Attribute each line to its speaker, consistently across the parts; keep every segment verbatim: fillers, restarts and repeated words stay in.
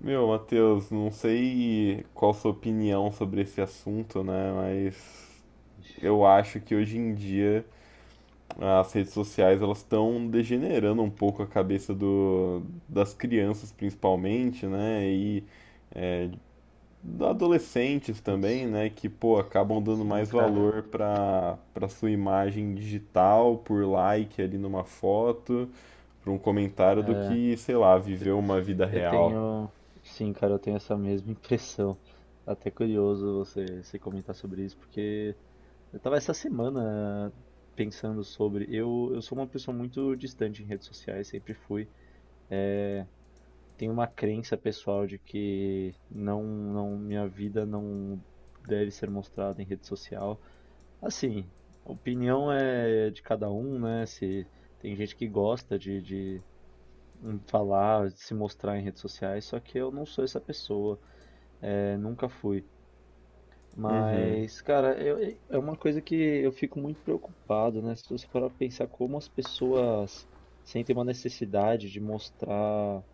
Speaker 1: Meu, Matheus, não sei qual sua opinião sobre esse assunto, né? Mas eu acho que hoje em dia as redes sociais elas estão degenerando um pouco a cabeça do, das crianças principalmente, né? E dos adolescentes também,
Speaker 2: Putz,
Speaker 1: né? Que, pô, acabam dando
Speaker 2: sim,
Speaker 1: mais
Speaker 2: cara.
Speaker 1: valor para para sua imagem digital, por like ali numa foto, por um comentário do que, sei lá, viver uma vida
Speaker 2: Eu
Speaker 1: real.
Speaker 2: tenho. Sim, cara, eu tenho essa mesma impressão. Até curioso você, você comentar sobre isso, porque eu tava essa semana pensando sobre. Eu, eu sou uma pessoa muito distante em redes sociais, sempre fui. Tenho uma crença pessoal de que não, não, minha vida não deve ser mostrada em rede social. Assim, a opinião é de cada um, né? Se tem gente que gosta de, de em falar, se mostrar em redes sociais, só que eu não sou essa pessoa, é, nunca fui. Mas, cara, eu- é uma coisa que eu fico muito preocupado, né? Se você parar pra pensar como as pessoas sentem uma necessidade de mostrar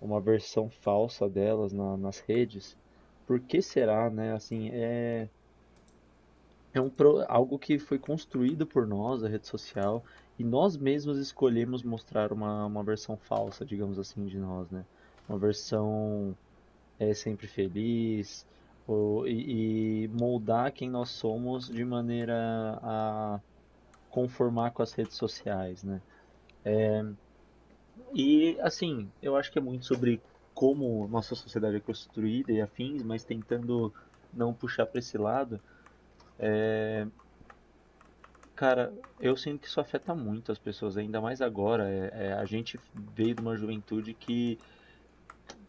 Speaker 2: uma versão falsa delas na- nas redes, por que será, né? Assim, é, é um, pro- algo que foi construído por nós, a rede social, e nós mesmos escolhemos mostrar uma, uma versão falsa, digamos assim, de nós, né? Uma versão é sempre feliz, ou, e, e moldar quem nós somos de maneira a conformar com as redes sociais, né? E assim, eu acho que é muito sobre como nossa sociedade é construída e afins, mas tentando não puxar para esse lado. Cara, eu sinto que isso afeta muito as pessoas, ainda mais agora. É, é, a gente veio de uma juventude que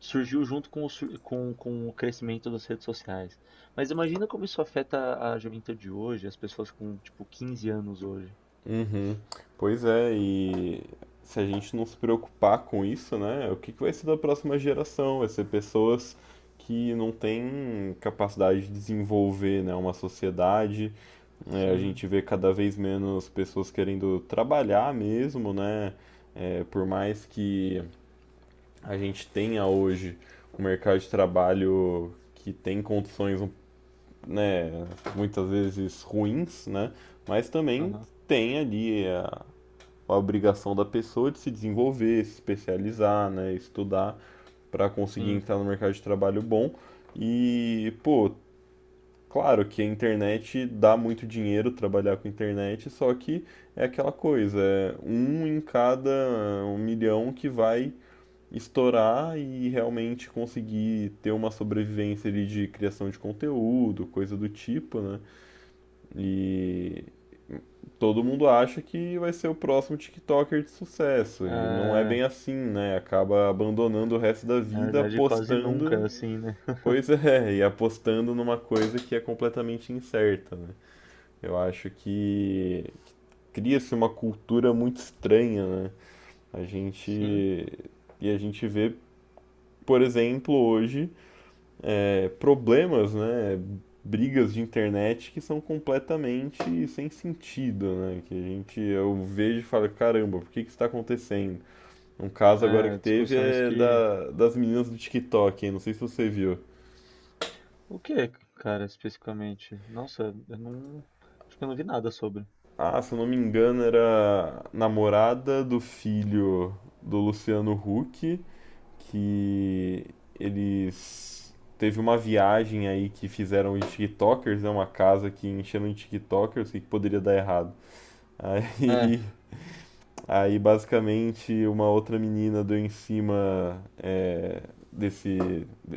Speaker 2: surgiu junto com o, sur- com, com o crescimento das redes sociais. Mas imagina como isso afeta a juventude de hoje, as pessoas com, tipo, quinze anos hoje.
Speaker 1: Uhum. Pois é, e se a gente não se preocupar com isso, né, o que que vai ser da próxima geração? Vai ser pessoas que não têm capacidade de desenvolver, né, uma sociedade. É, a gente
Speaker 2: Sim,
Speaker 1: vê cada vez menos pessoas querendo trabalhar mesmo, né? É, por mais que a gente tenha hoje um mercado de trabalho que tem condições, né, muitas vezes ruins, né, mas também
Speaker 2: aham,
Speaker 1: tem ali a obrigação da pessoa de se desenvolver, se especializar, né, estudar para conseguir
Speaker 2: sim.
Speaker 1: entrar no mercado de trabalho bom. E, pô, claro que a internet dá muito dinheiro trabalhar com internet, só que é aquela coisa, é um em cada um milhão que vai estourar e realmente conseguir ter uma sobrevivência ali de criação de conteúdo, coisa do tipo, né? E todo mundo acha que vai ser o próximo TikToker de sucesso. E não é
Speaker 2: É,
Speaker 1: bem assim, né? Acaba abandonando o resto da
Speaker 2: na
Speaker 1: vida
Speaker 2: verdade, quase nunca, é
Speaker 1: apostando.
Speaker 2: assim, né?
Speaker 1: Pois é, e apostando numa coisa que é completamente incerta, né? Eu acho que cria-se uma cultura muito estranha, né? A
Speaker 2: Sim,
Speaker 1: gente. E a gente vê, por exemplo, hoje problemas, né, brigas de internet que são completamente sem sentido, né, que a gente, eu vejo e falo, caramba, por que que isso tá acontecendo? Um caso agora
Speaker 2: é,
Speaker 1: que teve
Speaker 2: discussões
Speaker 1: é
Speaker 2: que...
Speaker 1: da, das meninas do TikTok, hein, não sei se você viu.
Speaker 2: O que, cara, especificamente? Nossa, eu não... Acho que eu não vi nada sobre.
Speaker 1: Ah, se eu não me engano, era namorada do filho do Luciano Huck, que eles teve uma viagem aí que fizeram os TikTokers, né, uma casa que encheram de TikTokers, o que que poderia dar errado?
Speaker 2: É,
Speaker 1: Aí, aí basicamente uma outra menina deu em cima é, desse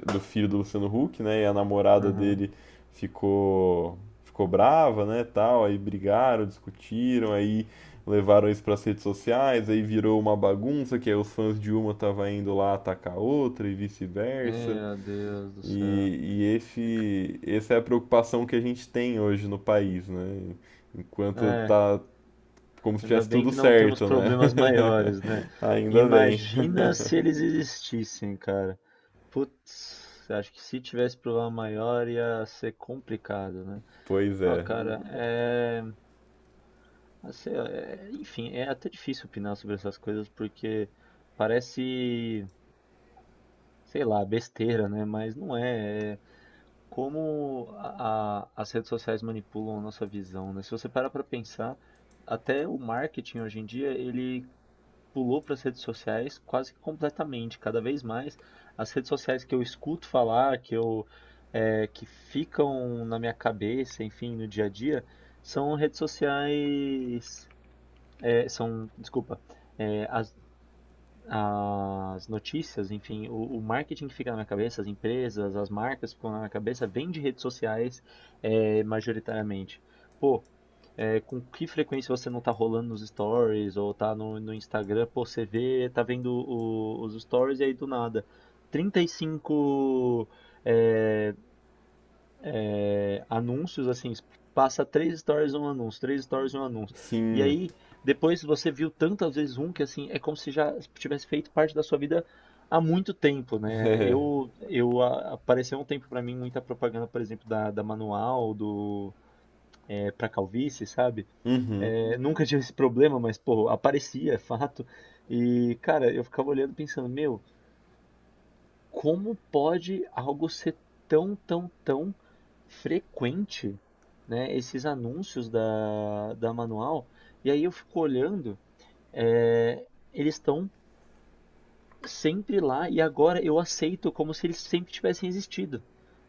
Speaker 1: do filho do Luciano Huck, né? E a namorada
Speaker 2: aham.
Speaker 1: dele ficou ficou brava, né, tal, aí brigaram, discutiram, aí levaram isso para as redes sociais, aí virou uma bagunça, que aí os fãs de uma estavam indo lá atacar a outra e vice-versa.
Speaker 2: Meu Deus do céu.
Speaker 1: E, e esse, essa é a preocupação que a gente tem hoje no país, né? Enquanto
Speaker 2: É,
Speaker 1: tá como se
Speaker 2: Ainda
Speaker 1: tivesse
Speaker 2: bem
Speaker 1: tudo
Speaker 2: que não temos
Speaker 1: certo, né?
Speaker 2: problemas maiores, né?
Speaker 1: Ainda bem.
Speaker 2: Imagina se eles existissem, cara. Putz, acho que se tivesse problema maior ia ser complicado, né?
Speaker 1: Pois
Speaker 2: Ó,
Speaker 1: é.
Speaker 2: cara, é, assim, ó, é- enfim, é até difícil opinar sobre essas coisas porque parece, sei lá, besteira, né? Mas não é. É como a- a- as redes sociais manipulam a nossa visão, né? Se você parar pra pensar, até o marketing hoje em dia, ele pulou para as redes sociais quase que completamente. Cada vez mais, as redes sociais que eu escuto falar, que eu é, que ficam na minha cabeça, enfim, no dia a dia, são redes sociais, é, são, desculpa, é, as as notícias, enfim, o, o marketing que fica na minha cabeça, as empresas, as marcas que ficam na minha cabeça, vem de redes sociais, é, majoritariamente. Pô, é, com que frequência você não tá rolando nos stories ou tá no, no Instagram, pô, você vê, tá vendo o- os stories e aí do nada, trinta e cinco é, é, anúncios, assim, passa três stories um anúncio, três stories um anúncio. E
Speaker 1: Sim.
Speaker 2: aí, depois você viu tantas vezes um que, assim, é como se já tivesse feito parte da sua vida há muito tempo, né? Eu, eu a- apareceu um tempo pra mim muita propaganda, por exemplo, da, da Manual, do é, para calvície, sabe?
Speaker 1: Uhum.
Speaker 2: É, nunca tive esse problema, mas pô, aparecia, é fato. E cara, eu ficava olhando pensando, meu, como pode algo ser tão, tão, tão frequente, né? Esses anúncios da, da Manual. E aí eu fico olhando, é, eles estão sempre lá e agora eu aceito como se eles sempre tivessem existido.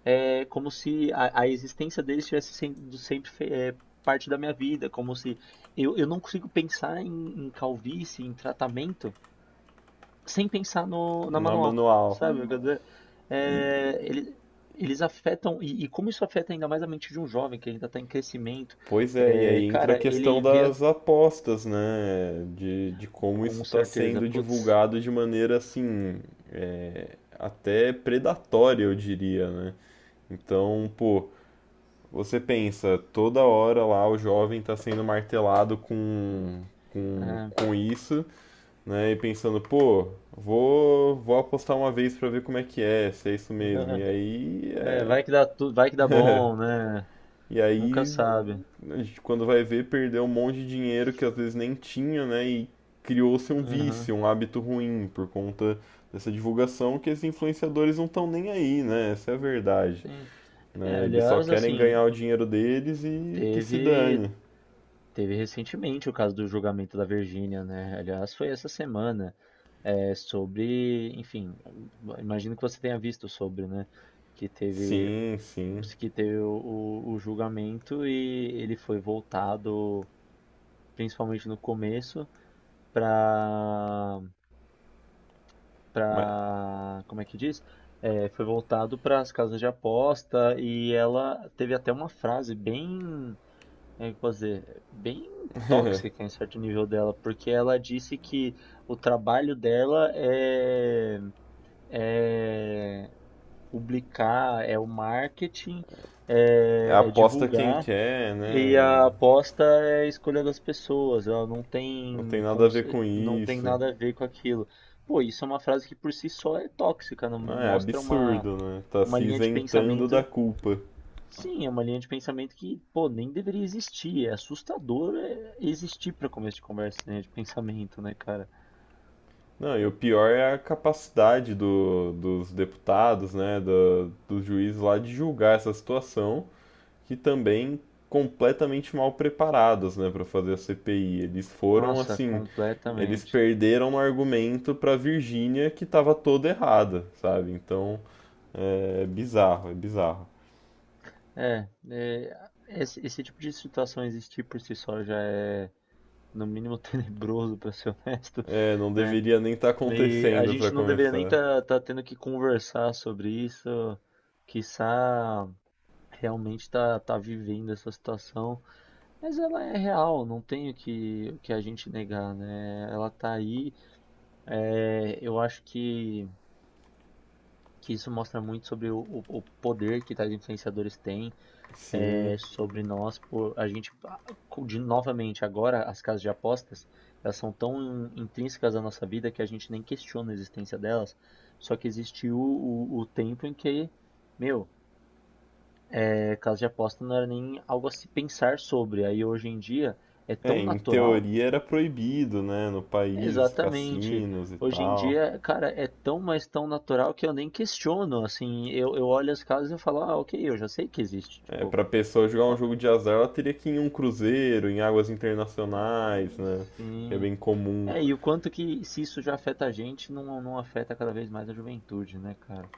Speaker 2: É como se a, a existência deles tivesse sendo sempre fe- é, parte da minha vida, como se eu, eu não consigo pensar em, em calvície, em tratamento, sem pensar no, na
Speaker 1: Na
Speaker 2: manual,
Speaker 1: manual.
Speaker 2: sabe? Eu Uhum. quero dizer?
Speaker 1: E-
Speaker 2: É, ele- Eles afetam, e, e como isso afeta ainda mais a mente de um jovem que ainda está em crescimento,
Speaker 1: pois é, e
Speaker 2: é,
Speaker 1: aí entra a
Speaker 2: cara, ele
Speaker 1: questão
Speaker 2: vê
Speaker 1: das apostas, né? De, de como isso
Speaker 2: com
Speaker 1: está
Speaker 2: certeza,
Speaker 1: sendo
Speaker 2: putz,
Speaker 1: divulgado de maneira assim, é, até predatória, eu diria, né? Então, pô, você pensa, toda hora lá o jovem está sendo martelado com, com,
Speaker 2: é,
Speaker 1: com isso. Né? E pensando, pô, vou, vou apostar uma vez pra ver como é que é, se é isso mesmo. E aí,
Speaker 2: é, é, vai
Speaker 1: é-
Speaker 2: que dá tudo, vai que dá bom, né?
Speaker 1: e
Speaker 2: Nunca
Speaker 1: aí
Speaker 2: sabe.
Speaker 1: a gente, quando vai ver, perdeu um monte de dinheiro que às vezes nem tinha, né? E criou-se um
Speaker 2: Uhum,
Speaker 1: vício, um hábito ruim por conta dessa divulgação que esses influenciadores não estão nem aí, né? Essa é a verdade,
Speaker 2: sim. É,
Speaker 1: né? Eles só
Speaker 2: aliás,
Speaker 1: querem ganhar
Speaker 2: assim,
Speaker 1: o dinheiro deles e que se
Speaker 2: teve,
Speaker 1: dane.
Speaker 2: teve recentemente o caso do julgamento da Virgínia, né? Aliás, foi essa semana. É, sobre, enfim, imagino que você tenha visto sobre, né? Que teve,
Speaker 1: Sim, sim.
Speaker 2: que teve o, o- o julgamento e ele foi voltado, principalmente no começo, para,
Speaker 1: Mas
Speaker 2: para, como é que diz? É, foi voltado para as casas de aposta e ela teve até uma frase bem, como é que eu posso dizer, bem tóxica em certo nível dela, porque ela disse que o trabalho dela é é publicar, é o marketing,
Speaker 1: é,
Speaker 2: é, é
Speaker 1: aposta quem
Speaker 2: divulgar
Speaker 1: quer,
Speaker 2: e
Speaker 1: né?
Speaker 2: a aposta é a escolha das pessoas, ela não
Speaker 1: Não tem
Speaker 2: tem,
Speaker 1: nada a ver
Speaker 2: conce-
Speaker 1: com
Speaker 2: não tem
Speaker 1: isso.
Speaker 2: nada a ver com aquilo. Pô, isso é uma frase que por si só é tóxica, não
Speaker 1: Ah, é
Speaker 2: mostra uma,
Speaker 1: absurdo, né? Tá
Speaker 2: uma
Speaker 1: se
Speaker 2: linha de
Speaker 1: isentando da
Speaker 2: pensamento.
Speaker 1: culpa.
Speaker 2: Sim, é uma linha de pensamento que, pô, nem deveria existir. É assustador é, existir para começo de conversa, linha de pensamento, né, cara?
Speaker 1: Não, e o pior é a capacidade do- dos deputados, né, do, dos juízes lá de julgar essa situação, que também completamente mal preparados, né, para fazer a C P I. Eles foram
Speaker 2: Nossa,
Speaker 1: assim, eles
Speaker 2: completamente.
Speaker 1: perderam um argumento para Virgínia que estava toda errada, sabe? Então, é é bizarro, é bizarro.
Speaker 2: É, é, esse, esse tipo de situação existir por si só já é, no mínimo, tenebroso, para ser honesto,
Speaker 1: É, não
Speaker 2: né?
Speaker 1: deveria nem estar
Speaker 2: E a
Speaker 1: acontecendo para
Speaker 2: gente não deveria nem
Speaker 1: começar.
Speaker 2: estar tá, tá tendo que conversar sobre isso, quiçá realmente tá, tá vivendo essa situação, mas ela é real, não tem o que, o que a gente negar, né? Ela tá aí, é, eu acho que, que isso mostra muito sobre o, o o poder que tais influenciadores têm
Speaker 1: Sim,
Speaker 2: é, sobre nós por a gente de novamente agora as casas de apostas elas são tão intrínsecas à nossa vida que a gente nem questiona a existência delas só que existiu o, o tempo em que meu é, casa de aposta não era nem algo a se pensar sobre aí hoje em dia é
Speaker 1: é,
Speaker 2: tão
Speaker 1: em
Speaker 2: natural
Speaker 1: teoria era proibido, né, no país,
Speaker 2: exatamente
Speaker 1: cassinos e
Speaker 2: hoje em
Speaker 1: tal.
Speaker 2: dia cara é tão mas tão natural que eu nem questiono assim eu, eu olho as casas e eu falo ah ok eu já sei que existe
Speaker 1: É,
Speaker 2: tipo
Speaker 1: pra pessoa jogar um
Speaker 2: ok,
Speaker 1: jogo de azar, ela teria que ir em um cruzeiro, em águas internacionais, né, que é
Speaker 2: sim.
Speaker 1: bem comum.
Speaker 2: É, e o quanto que se isso já afeta a gente, não, não afeta cada vez mais a juventude, né, cara?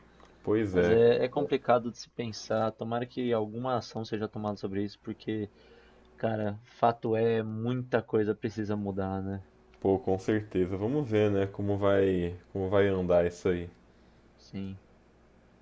Speaker 1: Pois
Speaker 2: Mas
Speaker 1: é,
Speaker 2: é, é complicado de se pensar. Tomara que alguma ação seja tomada sobre isso, porque, cara, fato é, muita coisa precisa mudar, né?
Speaker 1: pô, com certeza. Vamos ver, né, como vai, como vai andar isso aí.
Speaker 2: Sim.